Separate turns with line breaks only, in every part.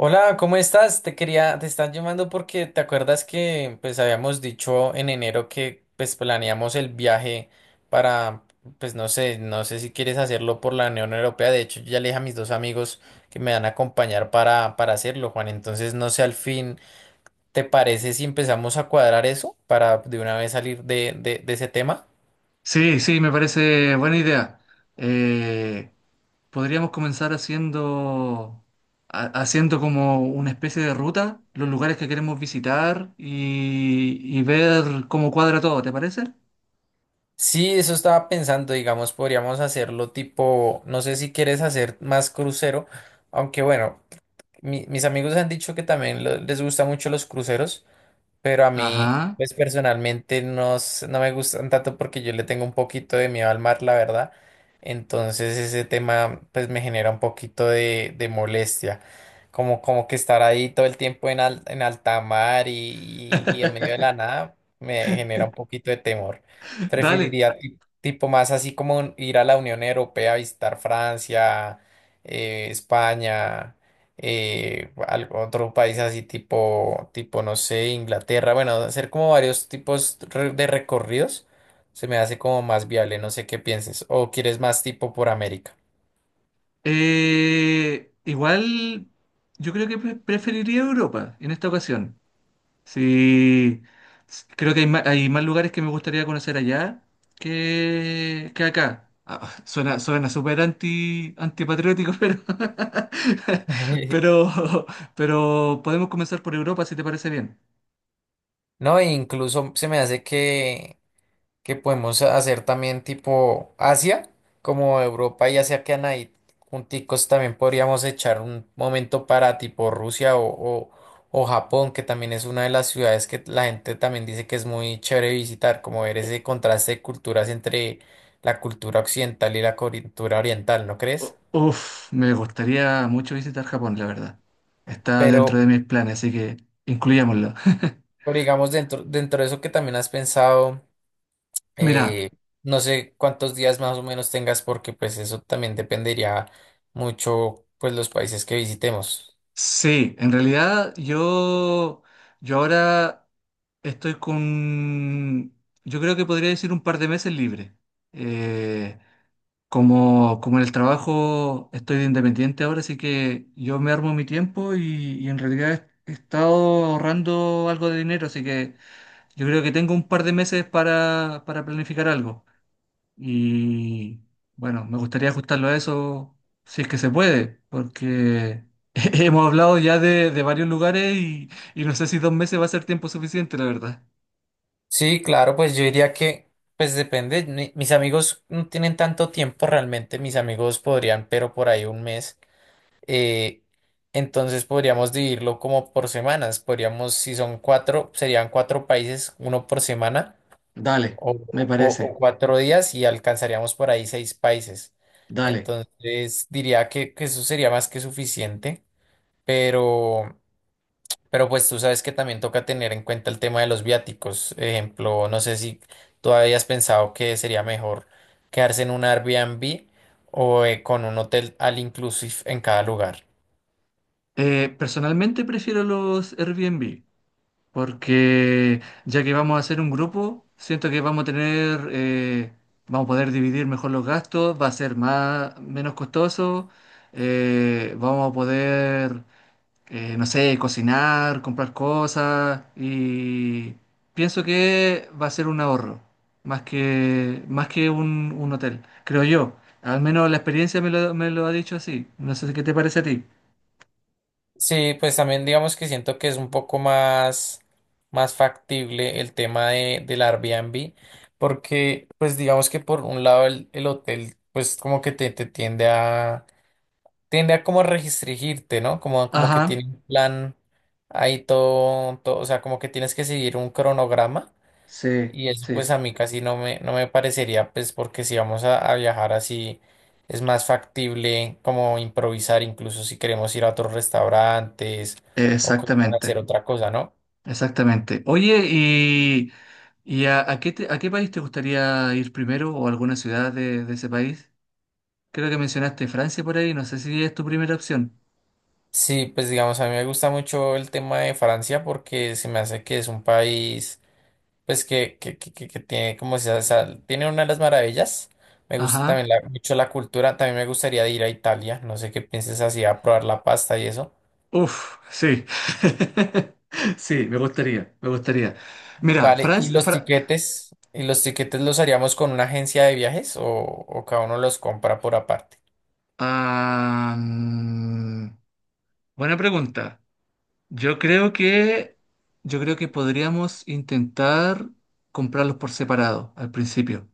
Hola, ¿cómo estás? Te están llamando porque te acuerdas que pues habíamos dicho en enero que pues planeamos el viaje para, pues no sé, no sé si quieres hacerlo por la Unión Europea. De hecho, yo ya le dije a mis dos amigos que me van a acompañar para hacerlo, Juan. Entonces, no sé, al fin, ¿te parece si empezamos a cuadrar eso para de una vez salir de ese tema?
Sí, sí, me parece buena idea. Eh, Podríamos comenzar haciendo, haciendo como una especie de ruta, los lugares que queremos visitar y ver cómo cuadra todo, ¿te parece?
Sí, eso estaba pensando, digamos, podríamos hacerlo tipo, no sé si quieres hacer más crucero, aunque bueno. Mis amigos han dicho que también les gustan mucho los cruceros, pero a mí,
Ajá.
pues personalmente no, no me gustan tanto porque yo le tengo un poquito de miedo al mar, la verdad. Entonces ese tema pues me genera un poquito de molestia. Como que estar ahí todo el tiempo en alta mar y en medio de la nada me genera un poquito de temor.
Dale.
Preferiría tipo más así como ir a la Unión Europea, visitar Francia, España, otro país así tipo, no sé, Inglaterra. Bueno, hacer como varios tipos de recorridos se me hace como más viable, no sé qué pienses. O quieres más tipo por América.
Igual yo creo que preferiría Europa en esta ocasión. Sí, creo que hay más lugares que me gustaría conocer allá que acá. Ah, ah, suena, suena súper anti, antipatriótico, pero, pero podemos comenzar por Europa si te parece bien.
No, e incluso se me hace que podemos hacer también tipo Asia, como Europa y Asia que ahí junticos también podríamos echar un momento para tipo Rusia o, o Japón, que también es una de las ciudades que la gente también dice que es muy chévere visitar, como ver ese contraste de culturas entre la cultura occidental y la cultura oriental, ¿no crees?
Uf, me gustaría mucho visitar Japón, la verdad. Está
Pero,
dentro de mis planes, así que incluyámoslo.
pero digamos dentro de eso que también has pensado.
Mira,
Eh, no sé cuántos días más o menos tengas porque pues eso también dependería mucho pues los países que visitemos.
sí, en realidad yo ahora. Estoy yo creo que podría decir un par de meses libre. Eh, Como, como en el trabajo estoy de independiente ahora, así que yo me armo mi tiempo y en realidad he estado ahorrando algo de dinero, así que yo creo que tengo un par de meses para planificar algo. Y bueno, me gustaría ajustarlo a eso si es que se puede, porque hemos hablado ya de varios lugares y no sé si 2 meses va a ser tiempo suficiente, la verdad.
Sí, claro, pues yo diría que pues depende. Mis amigos no tienen tanto tiempo realmente. Mis amigos podrían, pero por ahí un mes. Eh, entonces podríamos dividirlo como por semanas. Podríamos, si son cuatro, serían cuatro países, uno por semana.
Dale,
o,
me
o
parece,
cuatro días y alcanzaríamos por ahí seis países.
dale.
Entonces diría que eso sería más que suficiente, pero, pero pues tú sabes que también toca tener en cuenta el tema de los viáticos. Ejemplo, no sé si tú habías pensado que sería mejor quedarse en un Airbnb o con un hotel al inclusive en cada lugar.
Personalmente prefiero los Airbnb porque ya que vamos a hacer un grupo, siento que vamos a tener, vamos a poder dividir mejor los gastos, va a ser más, menos costoso, vamos a poder no sé, cocinar, comprar cosas y pienso que va a ser un ahorro, más que un hotel, creo yo. Al menos la experiencia me lo ha dicho así. No sé si, qué te parece a ti.
Sí, pues también digamos que siento que es un poco más, más factible el tema del Airbnb, porque pues digamos que por un lado el hotel pues como que te tiende a, tiende a como restringirte, ¿no? Como, como que
Ajá,
tiene un plan ahí todo, todo, o sea, como que tienes que seguir un cronograma.
sí,
Y eso
sí,
pues a mí casi no me, no me parecería, pues porque si vamos a viajar así, es más factible como improvisar, incluso si queremos ir a otros restaurantes o queremos hacer
exactamente,
otra cosa, ¿no?
exactamente. Oye, y a a qué país te gustaría ir primero o alguna ciudad de ese país? Creo que mencionaste Francia por ahí, no sé si es tu primera opción.
Sí, pues digamos, a mí me gusta mucho el tema de Francia porque se me hace que es un país, pues que tiene como tiene una de las maravillas. Me gusta también
Ajá.
mucho la cultura, también me gustaría ir a Italia, no sé qué pienses así, a probar la pasta y eso.
Uf, sí. Sí, me gustaría, me gustaría. Mira,
Vale, ¿y los tiquetes? ¿Y los tiquetes los haríamos con una agencia de viajes o cada uno los compra por aparte?
Ah, buena pregunta. Yo creo que, yo creo que podríamos intentar comprarlos por separado al principio.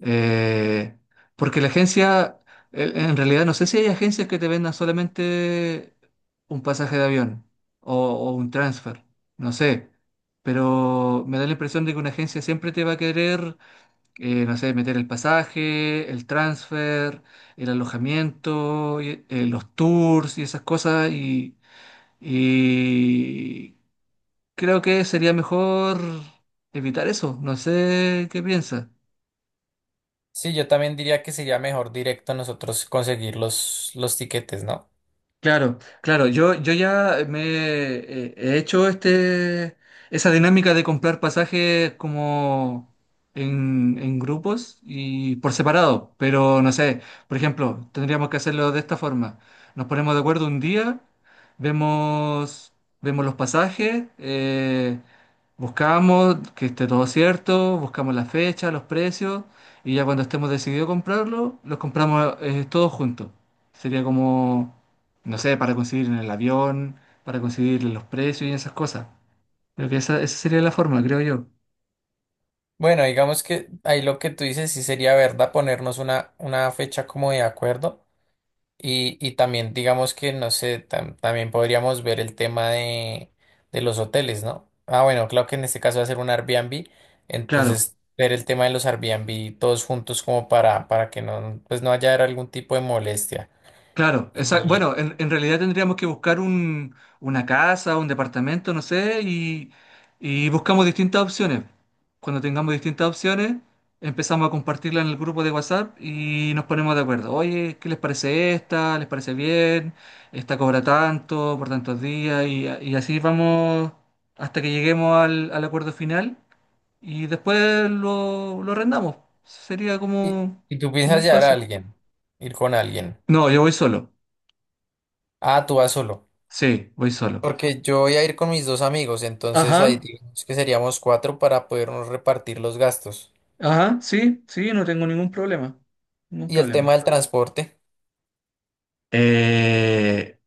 Eh, Porque la agencia, en realidad no sé si hay agencias que te vendan solamente un pasaje de avión o un transfer, no sé. Pero me da la impresión de que una agencia siempre te va a querer no sé, meter el pasaje, el transfer, el alojamiento, los tours y esas cosas. Y creo que sería mejor evitar eso. No sé qué piensas.
Sí, yo también diría que sería mejor directo nosotros conseguir los tiquetes, ¿no?
Claro, claro, yo ya me he hecho este, esa dinámica de comprar pasajes como en grupos y por separado, pero no sé, por ejemplo, tendríamos que hacerlo de esta forma. Nos ponemos de acuerdo un día, vemos, vemos los pasajes, buscamos que esté todo cierto, buscamos la fecha, los precios y ya cuando estemos decididos a comprarlo, los compramos todos juntos. Sería como no sé, para conseguir en el avión, para conseguir los precios y esas cosas. Creo que esa sería la forma, creo yo.
Bueno, digamos que ahí lo que tú dices sí sería verdad ponernos una fecha como de acuerdo. Y también, digamos que, no sé, también podríamos ver el tema de los hoteles, ¿no? Ah, bueno, claro que en este caso va a ser un Airbnb,
Claro,
entonces ver el tema de los Airbnb todos juntos como para que no, pues no haya algún tipo de molestia.
claro.
Y,
Bueno, en realidad tendríamos que buscar un, una casa, un departamento, no sé, y buscamos distintas opciones. Cuando tengamos distintas opciones, empezamos a compartirla en el grupo de WhatsApp y nos ponemos de acuerdo. Oye, ¿qué les parece esta? ¿Les parece bien? Esta cobra tanto por tantos días y así vamos hasta que lleguemos al al acuerdo final y después lo arrendamos. Sería
y,
como,
y tú
como
piensas
el
llevar a
paso.
alguien, ir con alguien.
No, yo voy solo.
Ah, tú vas solo.
Sí, voy solo.
Porque yo voy a ir con mis dos amigos, entonces ahí
Ajá,
digamos que seríamos cuatro para podernos repartir los gastos.
ajá, sí, sí, no tengo ningún problema. Ningún
Y el tema
problema.
del transporte.
Eh,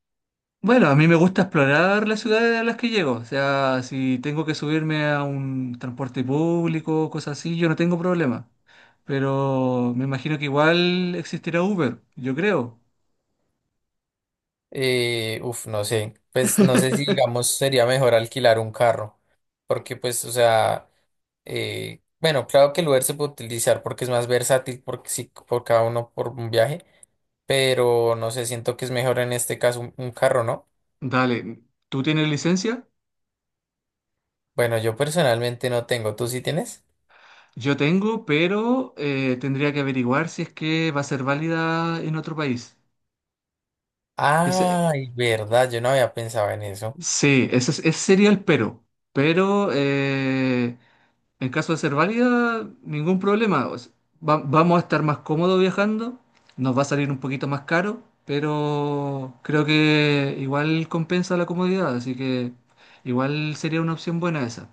bueno, a mí me gusta explorar las ciudades a las que llego. O sea, si tengo que subirme a un transporte público, cosas así, yo no tengo problema. Pero me imagino que igual existirá Uber, yo creo.
Uf, no sé, pues no sé si digamos sería mejor alquilar un carro, porque pues, o sea, bueno, claro que el Uber se puede utilizar porque es más versátil porque sí, por cada uno por un viaje, pero no sé, siento que es mejor en este caso un carro, ¿no?
Dale, ¿tú tienes licencia?
Bueno, yo personalmente no tengo, ¿tú sí tienes?
Yo tengo, pero tendría que averiguar si es que va a ser válida en otro país. Ese,
Ay, verdad, yo no había pensado en eso.
sí, ese, ese sería el pero. Pero en caso de ser válida, ningún problema. O sea, vamos a estar más cómodos viajando, nos va a salir un poquito más caro, pero creo que igual compensa la comodidad, así que igual sería una opción buena esa.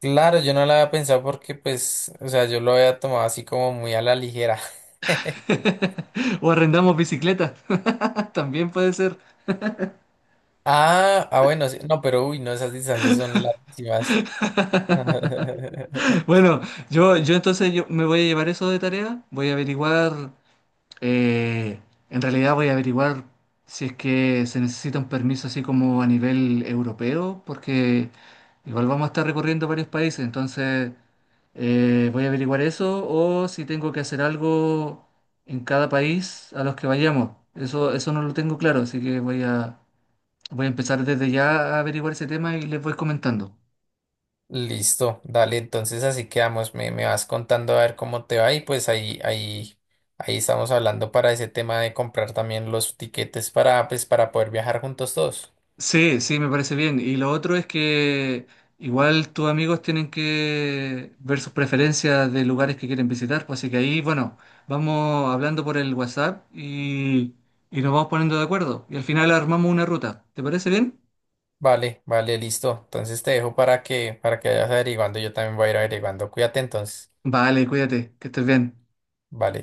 Claro, yo no lo había pensado porque pues, o sea, yo lo había tomado así como muy a la ligera.
O arrendamos bicicleta, también puede ser.
Ah, ah, bueno, sí. No, pero uy, no, esas distancias son larguísimas.
Bueno, yo entonces yo me voy a llevar eso de tarea, voy a averiguar, eh, en realidad voy a averiguar si es que se necesita un permiso así como a nivel europeo, porque igual vamos a estar recorriendo varios países, entonces voy a averiguar eso o si tengo que hacer algo en cada país a los que vayamos. Eso no lo tengo claro, así que voy a, voy a empezar desde ya a averiguar ese tema y les voy comentando.
Listo, dale, entonces así quedamos. Me vas contando a ver cómo te va y pues ahí estamos hablando para ese tema de comprar también los tiquetes para, pues, para poder viajar juntos todos.
Sí, sí, me parece bien. Y lo otro es que igual tus amigos tienen que ver sus preferencias de lugares que quieren visitar, pues así que ahí, bueno, vamos hablando por el WhatsApp y nos vamos poniendo de acuerdo. Y al final armamos una ruta. ¿Te parece bien?
Vale, vale, listo. Entonces te dejo para que vayas averiguando. Yo también voy a ir averiguando. Cuídate entonces.
Vale, cuídate, que estés bien.
Vale.